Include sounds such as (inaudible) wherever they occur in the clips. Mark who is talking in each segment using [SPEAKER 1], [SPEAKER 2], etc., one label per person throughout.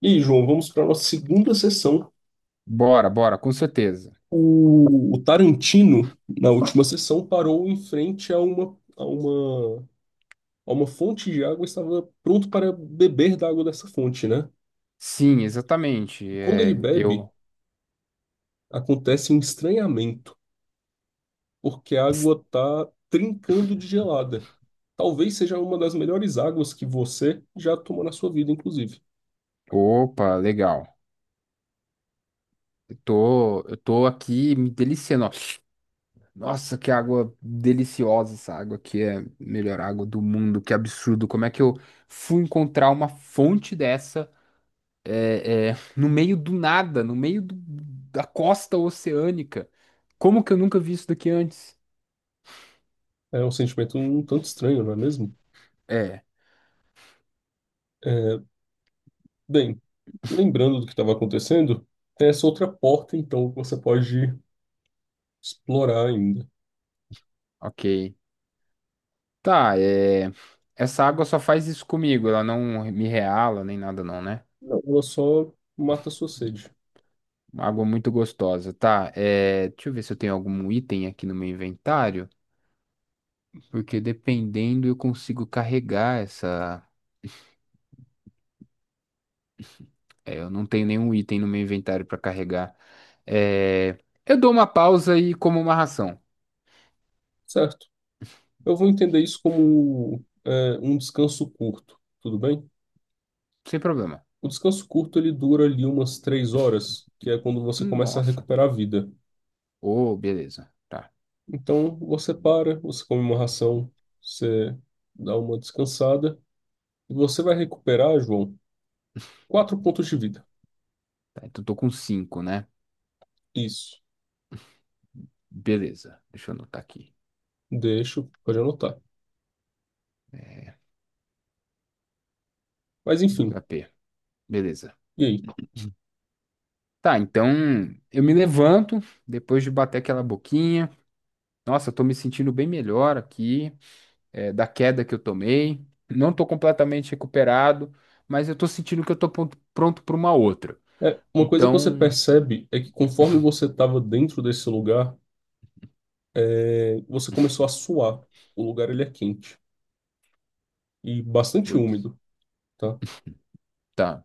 [SPEAKER 1] E aí, João, vamos para a nossa segunda sessão.
[SPEAKER 2] Bora, bora, com certeza.
[SPEAKER 1] O Tarantino, na última sessão, parou em frente a uma fonte de água e estava pronto para beber da água dessa fonte, né?
[SPEAKER 2] Sim, exatamente.
[SPEAKER 1] E quando ele bebe, acontece um estranhamento, porque a
[SPEAKER 2] Es-
[SPEAKER 1] água está trincando de gelada. Talvez seja uma das melhores águas que você já tomou na sua vida, inclusive.
[SPEAKER 2] Opa, legal. Eu tô aqui me deliciando, ó. Nossa, que água deliciosa, essa água aqui é a melhor água do mundo. Que absurdo. Como é que eu fui encontrar uma fonte dessa no meio do nada, no meio do- da costa oceânica? Como que eu nunca vi isso daqui antes?
[SPEAKER 1] É um sentimento um tanto estranho, não é mesmo?
[SPEAKER 2] É,
[SPEAKER 1] É, bem, lembrando do que estava acontecendo, tem essa outra porta, então, que você pode explorar ainda.
[SPEAKER 2] ok. Tá, essa água só faz isso comigo, ela não me reala nem nada não, né?
[SPEAKER 1] Não, ela só mata a sua sede,
[SPEAKER 2] Uma água muito gostosa, tá? Deixa eu ver se eu tenho algum item aqui no meu inventário, porque dependendo eu consigo carregar essa... eu não tenho nenhum item no meu inventário pra carregar. É... Eu dou uma pausa e como uma ração,
[SPEAKER 1] certo? Eu vou entender isso como um descanso curto, tudo bem?
[SPEAKER 2] sem problema.
[SPEAKER 1] O descanso curto ele dura ali umas 3 horas, que é quando você começa a
[SPEAKER 2] Nossa.
[SPEAKER 1] recuperar a vida.
[SPEAKER 2] Oh, beleza. Tá.
[SPEAKER 1] Então você para, você come uma ração, você dá uma descansada e você vai recuperar, João, 4 pontos de vida.
[SPEAKER 2] Tá, então tô com 5, né?
[SPEAKER 1] Isso.
[SPEAKER 2] Beleza. Deixa eu anotar aqui.
[SPEAKER 1] Deixo, pode anotar. Mas enfim,
[SPEAKER 2] HP. Beleza.
[SPEAKER 1] e aí?
[SPEAKER 2] Tá, então eu me levanto depois de bater aquela boquinha. Nossa, eu tô me sentindo bem melhor aqui, da queda que eu tomei. Não tô completamente recuperado, mas eu tô sentindo que eu tô pronto pra uma outra.
[SPEAKER 1] É, uma coisa que você
[SPEAKER 2] Então,
[SPEAKER 1] percebe é que conforme você estava dentro desse lugar você começou a suar. O lugar ele é quente e bastante
[SPEAKER 2] putz,
[SPEAKER 1] úmido, tá?
[SPEAKER 2] tá,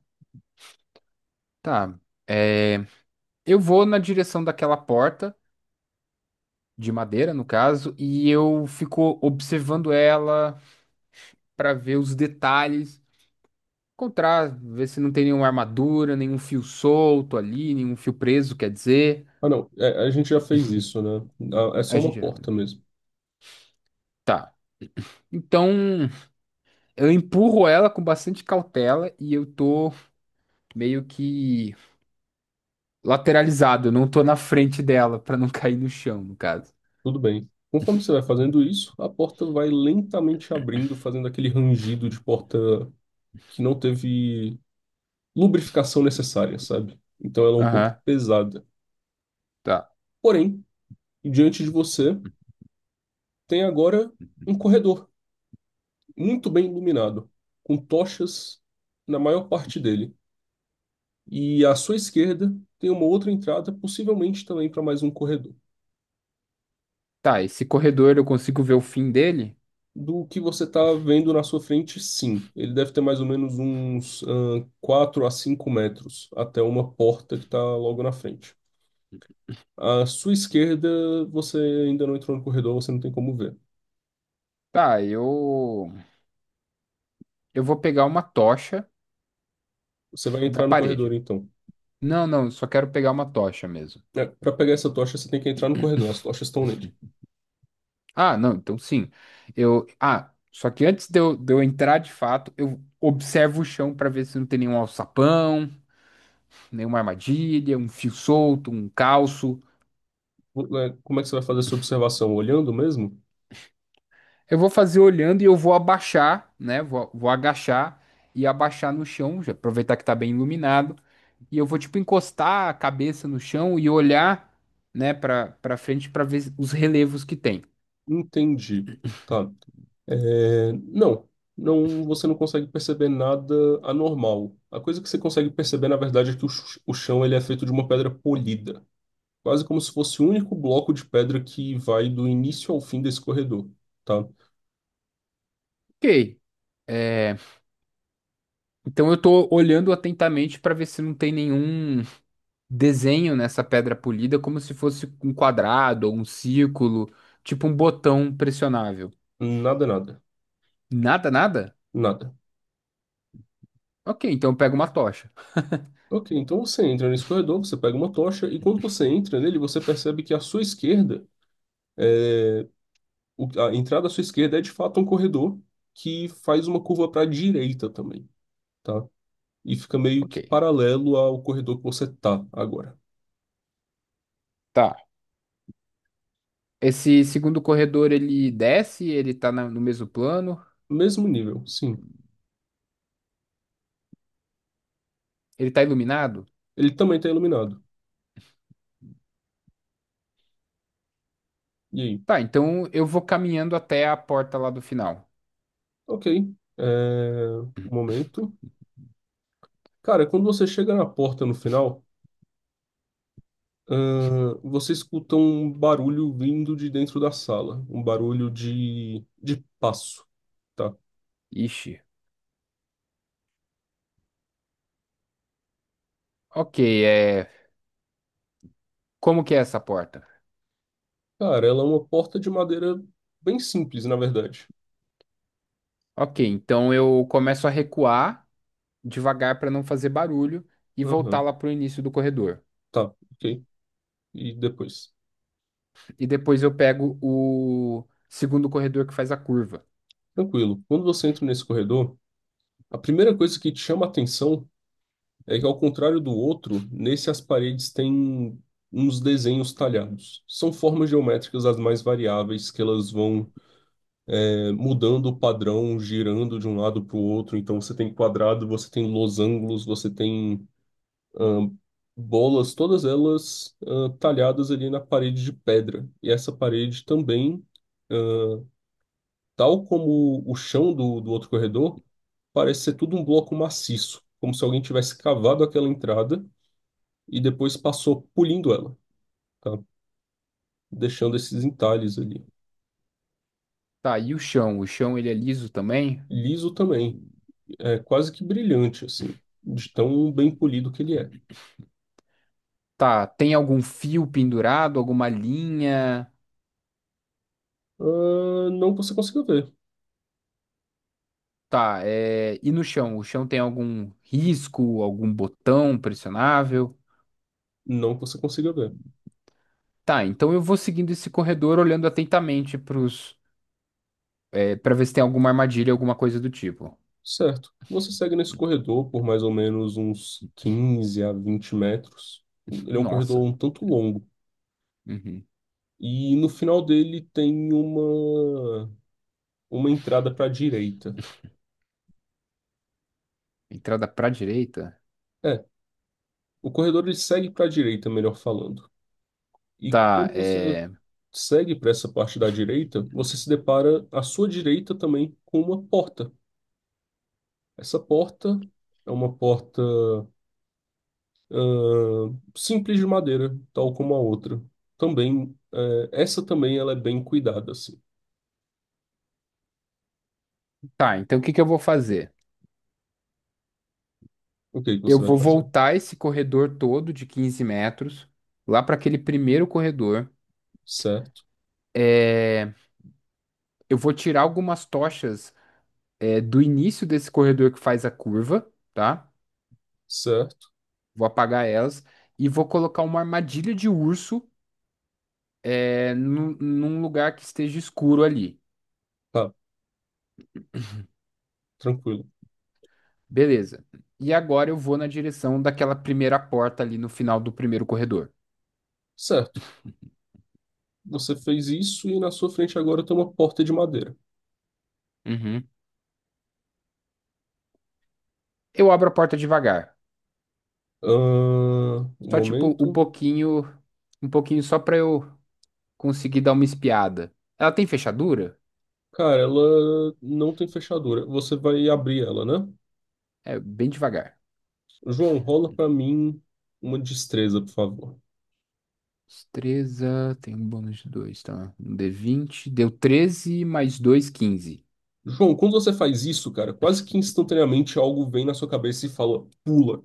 [SPEAKER 2] tá. É, eu vou na direção daquela porta de madeira, no caso, e eu fico observando ela pra ver os detalhes. Encontrar, ver se não tem nenhuma armadura, nenhum fio solto ali, nenhum fio preso, quer dizer.
[SPEAKER 1] Ah, não, a gente já fez isso, né? Ah, é só
[SPEAKER 2] A
[SPEAKER 1] uma
[SPEAKER 2] gente.
[SPEAKER 1] porta mesmo.
[SPEAKER 2] Tá. Então, eu empurro ela com bastante cautela e eu tô meio que lateralizado, eu não tô na frente dela pra não (laughs) cair no chão, no caso.
[SPEAKER 1] Tudo bem. Conforme você vai fazendo isso, a porta vai lentamente abrindo, fazendo aquele rangido de porta que não teve lubrificação necessária, sabe? Então ela é um pouco
[SPEAKER 2] Aham,
[SPEAKER 1] pesada.
[SPEAKER 2] tá.
[SPEAKER 1] Porém, diante de você tem agora um corredor muito bem iluminado, com tochas na maior parte dele. E à sua esquerda tem uma outra entrada, possivelmente também para mais um corredor.
[SPEAKER 2] Tá, esse corredor eu consigo ver o fim dele?
[SPEAKER 1] Do que você está vendo na sua frente, sim. Ele deve ter mais ou menos uns 4 a 5 metros até uma porta que está logo na frente. À sua esquerda, você ainda não entrou no corredor, você não tem como ver.
[SPEAKER 2] Tá, eu vou pegar uma tocha
[SPEAKER 1] Você vai
[SPEAKER 2] da
[SPEAKER 1] entrar no corredor,
[SPEAKER 2] parede.
[SPEAKER 1] então.
[SPEAKER 2] Não, não, eu só quero pegar uma tocha mesmo.
[SPEAKER 1] É, para pegar essa tocha, você tem que entrar no corredor, as tochas estão nele.
[SPEAKER 2] Ah, não, então sim. Eu, só que antes de eu entrar de fato, eu observo o chão para ver se não tem nenhum alçapão, nenhuma armadilha, um fio solto, um calço.
[SPEAKER 1] Como é que você vai fazer essa observação? Olhando mesmo?
[SPEAKER 2] Eu vou fazer olhando e eu vou abaixar, né? Vou agachar e abaixar no chão, já aproveitar que tá bem iluminado, e eu vou tipo encostar a cabeça no chão e olhar, né, para frente para ver os relevos que tem.
[SPEAKER 1] Entendi. Tá. É, não, não, você não consegue perceber nada anormal. A coisa que você consegue perceber, na verdade, é que o, o chão ele é feito de uma pedra polida, quase como se fosse o único bloco de pedra que vai do início ao fim desse corredor, tá?
[SPEAKER 2] OK. É, então eu tô olhando atentamente para ver se não tem nenhum desenho nessa pedra polida como se fosse um quadrado ou um círculo, tipo um botão pressionável.
[SPEAKER 1] Nada, nada,
[SPEAKER 2] Nada, nada?
[SPEAKER 1] nada.
[SPEAKER 2] Ok, então eu pego uma tocha.
[SPEAKER 1] Ok, então você entra nesse corredor, você pega uma tocha e quando você entra nele, você percebe que à sua esquerda, é, a entrada à sua esquerda é de fato um corredor que faz uma curva para a direita também. Tá? E fica meio
[SPEAKER 2] Ok,
[SPEAKER 1] que paralelo ao corredor que você tá agora.
[SPEAKER 2] tá. Esse segundo corredor ele desce, ele tá no mesmo plano,
[SPEAKER 1] Mesmo nível, sim.
[SPEAKER 2] ele tá iluminado?
[SPEAKER 1] Ele também tá iluminado. E aí?
[SPEAKER 2] Tá, então eu vou caminhando até a porta lá do final.
[SPEAKER 1] Ok. É... Um momento. Cara, quando você chega na porta no final, você escuta um barulho vindo de dentro da sala. Um barulho de passo, tá?
[SPEAKER 2] Ixi. Ok, é. Como que é essa porta?
[SPEAKER 1] Cara, ela é uma porta de madeira bem simples, na verdade.
[SPEAKER 2] Ok, então eu começo a recuar devagar para não fazer barulho e voltar
[SPEAKER 1] Aham.
[SPEAKER 2] lá pro início do corredor.
[SPEAKER 1] Tá, ok. E depois?
[SPEAKER 2] E depois eu pego o segundo corredor que faz a curva.
[SPEAKER 1] Tranquilo. Quando você entra nesse corredor, a primeira coisa que te chama a atenção é que, ao contrário do outro, nesse as paredes têm uns desenhos talhados. São formas geométricas as mais variáveis, que elas vão, mudando o padrão, girando de um lado para o outro. Então, você tem quadrado, você tem losangos, você tem ah, bolas, todas elas talhadas ali na parede de pedra. E essa parede também, ah, tal como o chão do outro corredor, parece ser tudo um bloco maciço, como se alguém tivesse cavado aquela entrada e depois passou polindo ela, tá? Deixando esses entalhes ali.
[SPEAKER 2] Tá, e o chão? O chão ele é liso também?
[SPEAKER 1] Liso também, é quase que brilhante, assim, de tão bem polido que ele é.
[SPEAKER 2] Tá, tem algum fio pendurado, alguma linha?
[SPEAKER 1] Ah, não que você consiga ver,
[SPEAKER 2] Tá, e no chão? O chão tem algum risco, algum botão pressionável?
[SPEAKER 1] não que você consiga ver.
[SPEAKER 2] Tá, então eu vou seguindo esse corredor olhando atentamente pros, para ver se tem alguma armadilha, alguma coisa do tipo.
[SPEAKER 1] Certo, você segue nesse corredor por mais ou menos uns 15 a 20 metros. Ele é um corredor
[SPEAKER 2] Nossa.
[SPEAKER 1] um tanto longo.
[SPEAKER 2] Uhum.
[SPEAKER 1] E no final dele tem uma entrada para a direita.
[SPEAKER 2] Entrada pra direita?
[SPEAKER 1] É, o corredor ele segue para a direita, melhor falando. E
[SPEAKER 2] Tá,
[SPEAKER 1] quando você
[SPEAKER 2] é...
[SPEAKER 1] segue para essa parte da direita, você se depara à sua direita também com uma porta. Essa porta é uma porta ah, simples de madeira, tal como a outra. Também, essa também ela é bem cuidada, assim.
[SPEAKER 2] Tá, então o que que eu vou fazer?
[SPEAKER 1] O que é que
[SPEAKER 2] Eu
[SPEAKER 1] você vai
[SPEAKER 2] vou
[SPEAKER 1] fazer?
[SPEAKER 2] voltar esse corredor todo de 15 metros, lá para aquele primeiro corredor.
[SPEAKER 1] Certo,
[SPEAKER 2] É, eu vou tirar algumas tochas, do início desse corredor que faz a curva, tá?
[SPEAKER 1] certo,
[SPEAKER 2] Vou apagar elas e vou colocar uma armadilha de urso, num lugar que esteja escuro ali.
[SPEAKER 1] tá, tranquilo.
[SPEAKER 2] Beleza. E agora eu vou na direção daquela primeira porta ali no final do primeiro corredor.
[SPEAKER 1] Certo, você fez isso e na sua frente agora tem uma porta de madeira.
[SPEAKER 2] Uhum. Eu abro a porta devagar,
[SPEAKER 1] Ah, um
[SPEAKER 2] só tipo
[SPEAKER 1] momento.
[SPEAKER 2] um pouquinho só para eu Consegui dar uma espiada. Ela tem fechadura?
[SPEAKER 1] Cara, ela não tem fechadura. Você vai abrir ela, né?
[SPEAKER 2] É, bem devagar.
[SPEAKER 1] João, rola pra mim uma destreza, por favor.
[SPEAKER 2] Destreza, tem um bônus de 2, tá? Um d20. Deu 13 mais 2, 15.
[SPEAKER 1] João, quando você faz isso, cara, quase que instantaneamente algo vem na sua cabeça e fala, pula.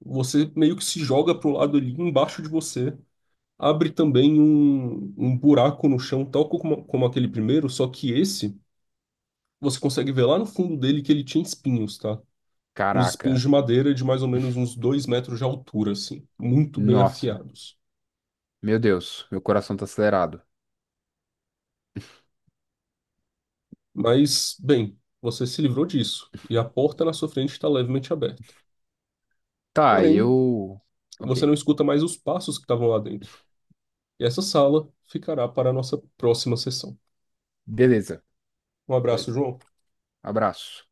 [SPEAKER 1] Você meio que se joga pro lado ali embaixo de você. Abre também um buraco no chão, tal como aquele primeiro, só que esse, você consegue ver lá no fundo dele que ele tinha espinhos, tá? Uns espinhos
[SPEAKER 2] Caraca.
[SPEAKER 1] de madeira de mais ou menos uns 2 metros de altura, assim, muito bem
[SPEAKER 2] Nossa.
[SPEAKER 1] afiados.
[SPEAKER 2] Meu Deus, meu coração tá acelerado.
[SPEAKER 1] Mas, bem, você se livrou disso, e a porta na sua frente está levemente aberta.
[SPEAKER 2] Tá,
[SPEAKER 1] Porém,
[SPEAKER 2] eu.
[SPEAKER 1] você
[SPEAKER 2] Ok.
[SPEAKER 1] não escuta mais os passos que estavam lá dentro. E essa sala ficará para a nossa próxima sessão.
[SPEAKER 2] Beleza,
[SPEAKER 1] Um abraço,
[SPEAKER 2] beleza.
[SPEAKER 1] João.
[SPEAKER 2] Abraço.